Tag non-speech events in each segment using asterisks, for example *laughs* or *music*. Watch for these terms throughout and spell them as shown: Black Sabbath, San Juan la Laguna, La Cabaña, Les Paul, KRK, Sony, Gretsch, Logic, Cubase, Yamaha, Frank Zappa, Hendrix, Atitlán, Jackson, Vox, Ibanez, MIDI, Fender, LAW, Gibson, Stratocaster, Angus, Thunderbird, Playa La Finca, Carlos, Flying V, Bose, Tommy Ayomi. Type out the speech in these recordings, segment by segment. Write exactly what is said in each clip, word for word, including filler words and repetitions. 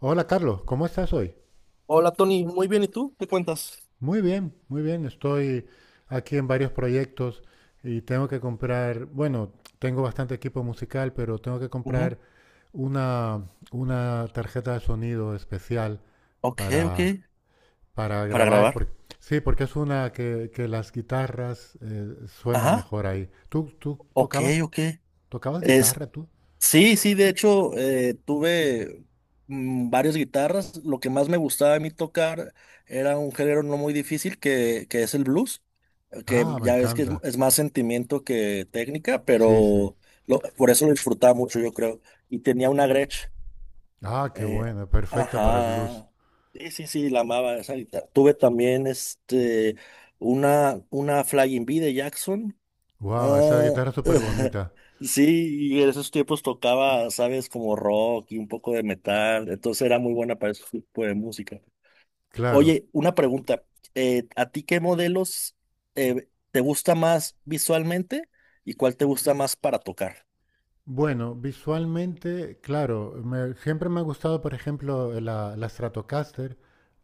Hola Carlos, ¿cómo estás hoy? Hola Tony, muy bien, ¿y tú? ¿Qué cuentas? Muy bien, muy bien. Estoy aquí en varios proyectos y tengo que comprar, bueno, tengo bastante equipo musical, pero tengo que Ujú. comprar una, una tarjeta de sonido especial Ok, ok. para, para Para grabar. grabar. Por- sí, porque es una que, que las guitarras eh, suenan Ajá. mejor ahí. ¿Tú, tú Ok, tocabas, ok. tocabas Es, guitarra tú? sí, sí, de hecho, eh, tuve mm, varias guitarras. Lo que más me gustaba a mí tocar era un género no muy difícil que, que es el blues, eh, que Ah, me ya ves que es, encanta. es más sentimiento que técnica, Sí, sí. pero lo- por eso lo disfrutaba mucho, yo creo. Y tenía una Gretsch. Ah, qué Eh, buena, perfecta para el blues. ajá. Sí, sí, sí, la amaba esa guitarra. Tuve también este una, una Flying V de Jackson. Wow, esa Ah, guitarra es súper *laughs* bonita. sí, y en esos tiempos tocaba, sabes, como rock y un poco de metal. Entonces era muy buena para ese tipo de música. Claro. Oye, una pregunta. Eh, ¿a ti qué modelos eh, te gusta más visualmente y cuál te gusta más para tocar? Bueno, visualmente, claro, me- siempre me ha gustado, por ejemplo, la, la Stratocaster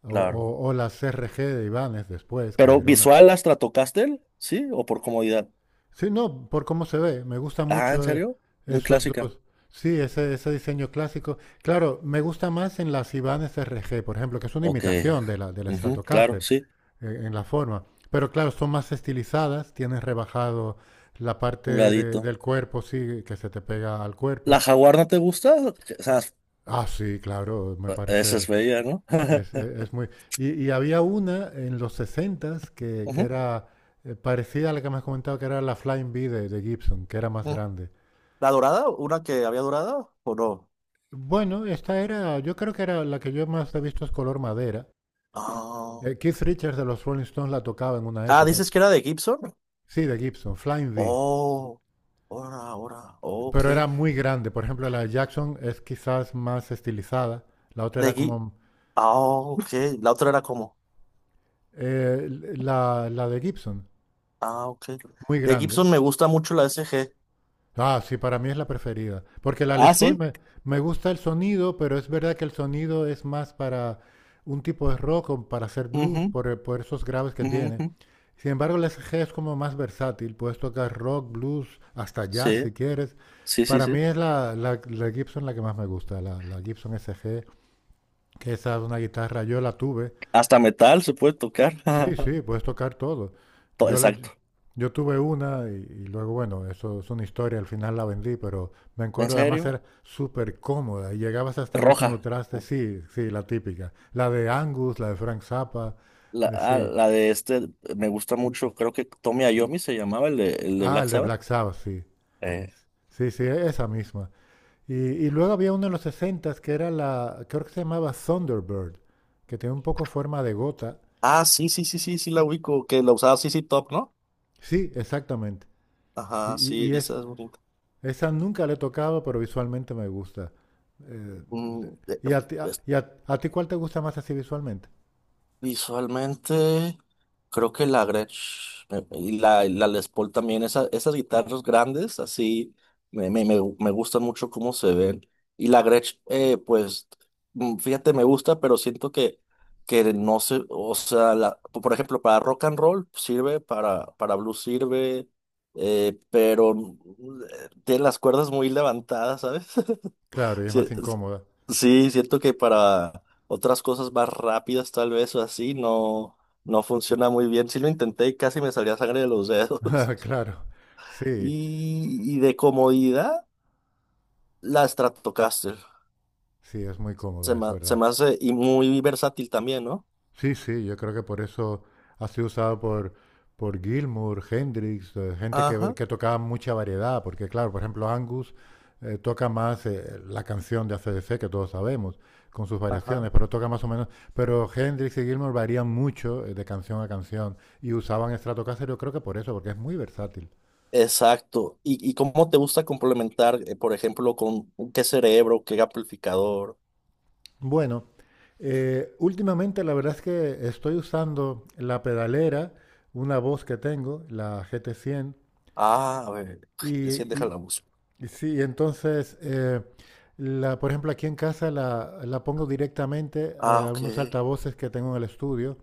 o, Claro. o- o la C R G de Ibanez después, que Pero era una... visual, ¿las la tocaste? ¿Sí? ¿O por comodidad? Sí, no, por cómo se ve, me gusta Ah, ¿en mucho eh, serio? Muy esos clásica. dos. Sí, ese, ese diseño clásico. Claro, me gusta más en las Ibanez R G, por ejemplo, que es una Ok. imitación de la, de la Ujú, claro, Stratocaster sí. eh, en la forma. Pero claro, son más estilizadas, tienes rebajado la parte Un de- ladito. del cuerpo, sí, que se te pega al ¿La cuerpo. jaguar no te gusta? O sea, Ah, sí, claro, me esa es parece, bella, ¿no? es, *laughs* es- es muy... Y, y había una en los sesentas que, que Ujú, era eh, parecida a la que me has comentado, que era la Flying V de, de Gibson, que era más ujú. grande. ¿La dorada? ¿Una que había dorada o no? Bueno, esta era, yo creo que era la que yo más he visto es color madera. Ah, Eh, Keith Richards de los Rolling Stones la tocaba en una Ah, época. dices que era de Gibson. Sí, de Gibson, Flying V. Oh, ahora, ahora, ok. Pero era muy grande. Por ejemplo, la de Jackson es quizás más estilizada. La otra De era Gi- como ah, ok. La otra era como, eh, la, la de Gibson, ah, ok. muy De grande. Gibson me gusta mucho la S G. Ah, sí, para mí es la preferida. Porque la Ah, Les Paul sí. me, me gusta el sonido, pero es verdad que el sonido es más para un tipo de rock o para hacer blues Ujú, por, por esos graves que ujú, tiene. ujú. Sin embargo, la S G es como más versátil. Puedes tocar rock, blues, hasta jazz Sí, si quieres. sí, sí, Para mí sí. es la, la- la Gibson la que más me gusta, la, la Gibson S G, que esa es una guitarra, yo la tuve. Hasta metal se puede tocar. Sí, *laughs* sí, puedes tocar todo. To- Yo, la- Exacto. yo tuve una y, y luego, bueno, eso es una historia, al final la vendí, pero me ¿En acuerdo, además serio? era súper cómoda y llegabas hasta el último Roja. traste, sí, sí, la típica. La de Angus, la de Frank Zappa, La, eh, ah, sí. La de este me gusta mucho. Creo que Tommy Ayomi se llamaba el de, el de Ah, Black el de Sabbath. Black Sabbath, sí. Eh, Sí, sí, e- esa misma. Y, y luego había uno en los sesenta que era la, creo que se llamaba Thunderbird, que tiene un poco forma de gota. Ah, sí, sí, sí, sí, sí, la ubico. Que la usaba sí, sí, Top, ¿no? Sí, exactamente. Y, Ajá, y- sí, y es, esa es bonita. Esa nunca la he tocado, pero visualmente me gusta. Eh, Mm, eh, ¿y a ti, a- y a- a ti cuál te gusta más así visualmente? Visualmente, creo que la Gretsch me- y la, y la Les Paul también, esa- esas guitarras grandes, así me, me, me, me gustan mucho cómo se ven. Y la Gretsch, eh, pues, mm, fíjate, me gusta, pero siento que, que no sé, o sea, la, por ejemplo, para rock and roll sirve, para, para blues sirve, eh, pero mm, eh, tiene las cuerdas muy levantadas, ¿sabes? Claro, y es Sí, más incómoda. sí, siento que para otras cosas más rápidas, tal vez o así, no, no funciona muy bien. Sí lo intenté y casi me salía sangre de los dedos. *laughs* *laughs* Claro, sí, Y, y de comodidad, la Stratocaster. sí, es muy Se cómoda, es me, se verdad. me hace y muy versátil también, ¿no? Sí, sí, yo creo que por eso ha sido usado por, por Gilmour, Hendrix, eh, gente que, Ajá, que tocaba mucha variedad, porque claro, por ejemplo, Angus eh, toca más eh, la canción de C D C que todos sabemos, con sus variaciones, ajá. pero toca más o menos, pero Hendrix y Gilmour varían mucho eh, de canción a canción y usaban Stratocaster, yo creo que por eso, porque es muy versátil. Exacto. ¿Y, y cómo te gusta complementar, eh, por ejemplo, con qué cerebro, qué amplificador? Bueno, eh, últimamente la verdad es que estoy usando la pedalera, una voz que tengo, la G T cien Ah, a ver, sí, y... déjala música. Sí, entonces, eh, la, por ejemplo, aquí en casa la, la pongo directamente eh, Ah, a ok. unos altavoces que tengo en el estudio,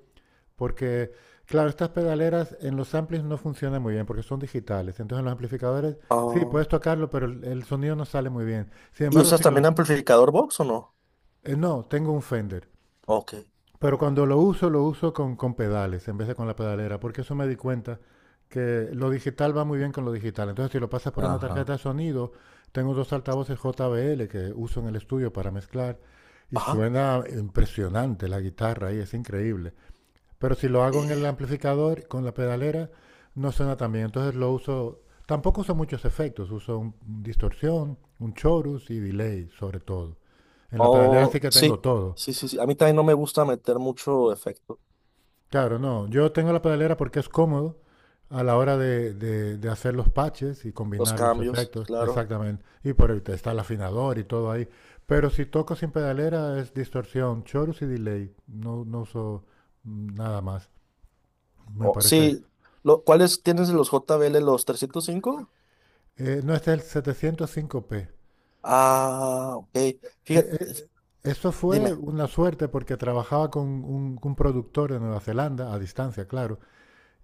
porque, claro, estas pedaleras en los amplis no funcionan muy bien porque son digitales. Entonces, en los amplificadores, sí, puedes tocarlo, pero el, el sonido no sale muy bien. Sin ¿Y embargo, usas si lo... también amplificador Vox o no? eh, no, tengo un Fender. Ok. Pero cuando lo uso, lo uso con, con pedales en vez de con la pedalera, porque eso me di cuenta que lo digital va muy bien con lo digital. Entonces, si lo pasas por una Ajá. tarjeta de sonido, tengo dos altavoces J B L que uso en el estudio para mezclar y Ajá. suena impresionante la guitarra ahí, es increíble. Pero si lo hago en el Eh, amplificador con la pedalera, no suena tan bien. Entonces lo uso, tampoco uso muchos efectos, uso un, un distorsión, un chorus y delay sobre todo. En la pedalera sí Oh, que tengo sí. todo. Sí, sí, sí. A mí también no me gusta meter mucho efecto. Claro, no. Yo tengo la pedalera porque es cómodo a la hora de, de- de hacer los patches y Los combinar los cambios, efectos. claro. Exactamente. Y por ahí te está el afinador y todo ahí. Pero si toco sin pedalera es distorsión, chorus y delay. No, no uso mm, nada más, me Oh, parece. sí. Lo, ¿cuáles tienes de los J B L, los trescientos cinco? Eh, no, este es el setecientos cinco p. Ah, ok. Eh, Fíjate, eh, eso fue dime. una suerte porque trabajaba con un, un productor de Nueva Zelanda, a distancia, claro.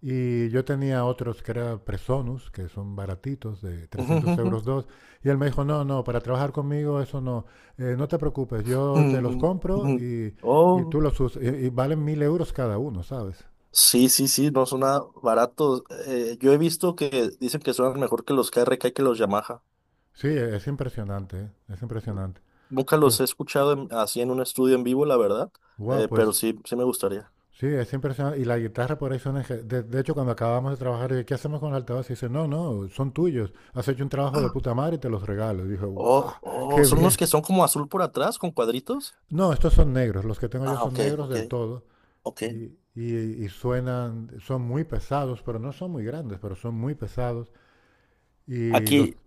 Y yo tenía otros que era Presonus, que son baratitos, de *laughs* trescientos Ujú, euros dos. Y él me dijo, no, no, para trabajar conmigo eso no, eh, no te preocupes, yo te los ujú, ujú. compro y, y Oh, tú los usas. Y, y valen mil euros cada uno, ¿sabes? sí, sí, sí, no suena barato. Eh, yo he visto que dicen que suenan mejor que los K R K y que los Yamaha. Sí, e-, es impresionante, ¿eh? Es impresionante. Nunca los Entonces, he escuchado en- así en un estudio en vivo, la verdad, guau, eh, pero pues sí, sí me gustaría. sí, es impresionante. Y la guitarra por ahí son... eje- De, de hecho, cuando acabamos de trabajar, yo, ¿qué hacemos con el altavoz? Y dice, no, no, son tuyos. Has hecho un trabajo de puta madre y te los regalo. Y dije, guau, Oh, oh, qué son unos bien. que son como azul por atrás con cuadritos. No, estos son negros. Los que tengo yo Ah, son ok, negros ok, del todo. ok. Y, y- y suenan, son muy pesados, pero no son muy grandes, pero son muy pesados. Y los, Aquí,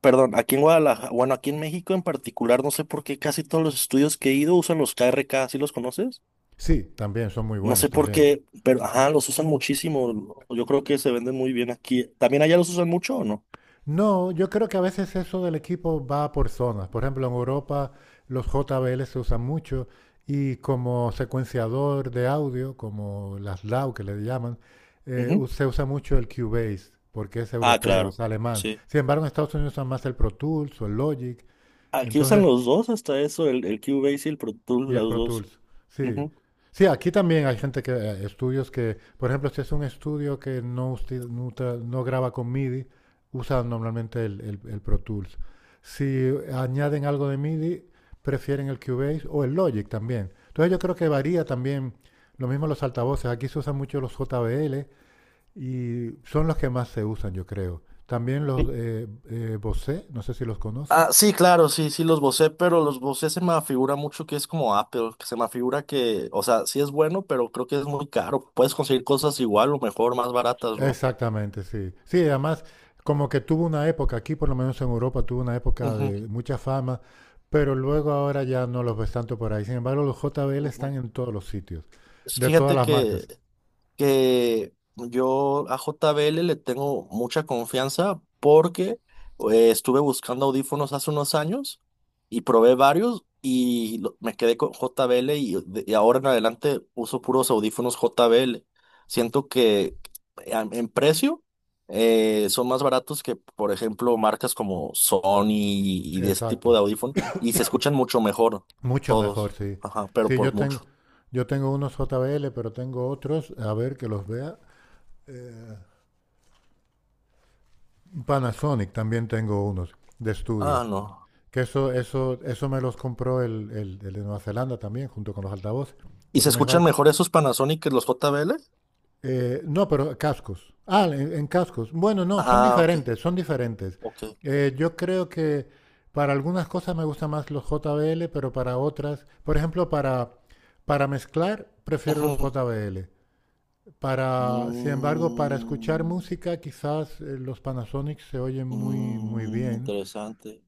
perdón, aquí en Guadalajara, bueno, aquí en México en particular, no sé por qué casi todos los estudios que he ido usan los K R K R K, ¿sí los conoces? sí, también son muy No buenos sé por también. qué, pero ajá, los usan muchísimo. Yo creo que se venden muy bien aquí. ¿También allá los usan mucho o no? No, yo creo que a veces eso del equipo va por zonas. Por ejemplo, en Europa los J B L se usan mucho y como secuenciador de audio, como las LAW que le llaman, eh, Ujú. u- se usa mucho el Cubase porque es Ah, europeo, es claro, alemán. sí. Sin embargo, en Estados Unidos usan más el Pro Tools o el Logic. Aquí usan Entonces... los dos, hasta eso, el, el Cubase y el Pro Tools, Y el los Pro dos. Tools. Sí. Ujú. Sí, aquí también hay gente que, eh, estudios que, por ejemplo, si es un estudio que no, usti- no, tra- no graba con MIDI, usan normalmente el, el- el Pro Tools. Si añaden algo de MIDI, prefieren el Cubase o el Logic también. Entonces yo creo que varía también, lo mismo los altavoces, aquí se usan mucho los J B L y son los que más se usan, yo creo. También los eh, eh, Bose, no sé si los conoces. Ah, sí, claro, sí, sí los bocé, pero los bocé se me figura mucho que es como Apple, que se me figura que, o sea, sí es bueno, pero creo que es muy caro. Puedes conseguir cosas igual o mejor, más baratas, ¿no? Exactamente, sí. Sí, además, como que tuvo una época, aquí por lo menos en Europa tuvo una época Ujú, de mucha fama, pero luego ahora ya no los ves tanto por ahí. Sin embargo, los J B L están ujú. en todos los sitios, de todas Fíjate las que marcas. que yo a J B L le tengo mucha confianza porque eh, estuve buscando audífonos hace unos años y probé varios y lo- me quedé con J B L y, de- y ahora en adelante uso puros audífonos J B L. Siento que eh, a- en precio eh, son más baratos que, por ejemplo, marcas como Sony y, y de ese tipo de Exacto. audífonos y se escuchan mucho mejor Mucho mejor, todos, sí. ajá, pero Sí, por yo mucho. tengo, yo tengo unos J B L, pero tengo otros, a ver que los vea. Eh, Panasonic también tengo unos de Ah, estudio. no. Que eso, eso, eso me los compró el, el- el de Nueva Zelanda también, junto con los altavoces, ¿Y se porque me, fa- escuchan mejor esos Panasonic que los J B L? Eh, no, pero cascos. Ah, en, en cascos. Bueno, no, son Ah, ok, diferentes, son diferentes. ok. Eh, yo creo que para algunas cosas me gustan más los J B L, pero para otras, por ejemplo, para, para mezclar, prefiero los Ujú. J B L. Para, sin embargo, para escuchar Mm, música, quizás eh, los Panasonic se oyen muy, muy mm, bien. interesante.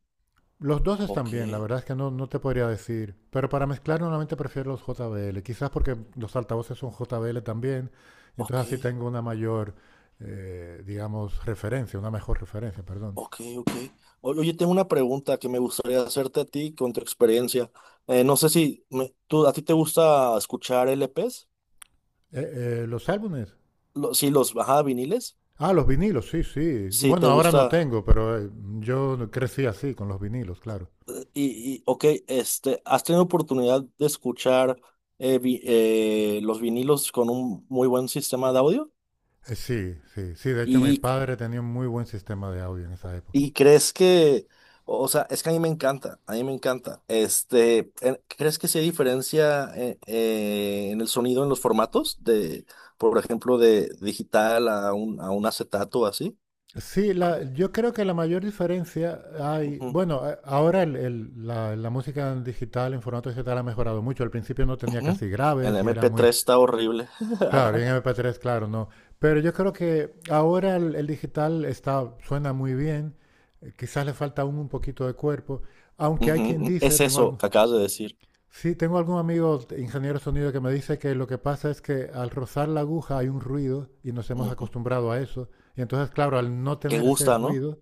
Los dos están Ok, bien, la verdad es que no, no te podría decir. Pero para mezclar normalmente prefiero los J B L. Quizás porque los altavoces son J B L también. Y ok, entonces así tengo una mayor, eh, digamos, referencia, una mejor referencia, perdón. ok, ok. O- Oye, tengo una pregunta que me gustaría hacerte a ti con tu experiencia. Eh, no sé si me- tú, a ti te gusta escuchar L Ps. Eh, eh, los álbumes. Lo- sí, los, ajá, viniles. Ah, los vinilos, sí, sí. Sí, Bueno, te ahora no gusta. tengo, pero eh, yo crecí así, con los vinilos, claro. Y, y, ok, este, ¿has tenido oportunidad de escuchar eh, vi- eh, los vinilos con un muy buen sistema de audio? Eh, sí, sí, sí. De hecho, mi ¿Y, padre tenía un muy buen sistema de audio en esa época. y crees que, o sea, es que a mí me encanta, a mí me encanta, este, eh, crees que sí hay diferencia eh, eh, en el sonido, en los formatos de, por ejemplo, de digital a un, a un acetato o así? Sí, la- yo creo que la mayor diferencia hay, Ujú, bueno, a- ahora el- el- la, la música en digital, en formato digital ha mejorado mucho. Al principio no tenía ujú. casi El graves y era mp muy... tres está horrible. claro, y en *laughs* mp tres, claro, no. Pero yo creo que ahora el, el digital está, suena muy bien, eh, quizás le falta aún un poquito de cuerpo, aunque hay quien Ujú. dice, Es tengo eso algún... que acabas de decir. Sí, tengo algún amigo ingeniero de sonido que me dice que lo que pasa es que al rozar la aguja hay un ruido y nos hemos Ujú. acostumbrado a eso. Y entonces, claro, al no Que tener ese gusta, ¿no? ruido,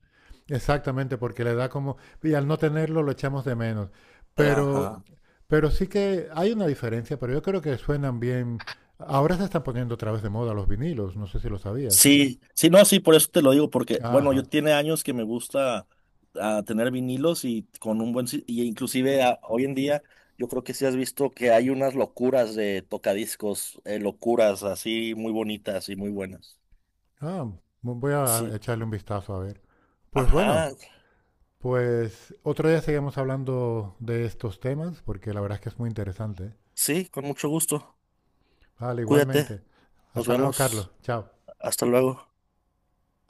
exactamente, porque le da como... Y al no tenerlo lo echamos de menos. Pero, Ajá. pero sí que hay una diferencia, pero yo creo que suenan bien. Ahora se están poniendo otra vez de moda los vinilos, no sé si lo sabías. Sí, sí, no, sí, por eso te lo digo, porque, bueno, yo Ajá. tiene años que me gusta ah, tener vinilos y con un buen, si- y inclusive ah, hoy en día, yo creo que sí has visto que hay unas locuras de tocadiscos, eh, locuras así muy bonitas y muy buenas. Ah, voy a Sí, echarle un vistazo a ver. Pues bueno. ajá, Pues otro día seguimos hablando de estos temas porque la verdad es que es muy interesante. sí, con mucho gusto. Vale, Cuídate, igualmente. nos Hasta luego, Carlos. vemos, Chao. hasta luego.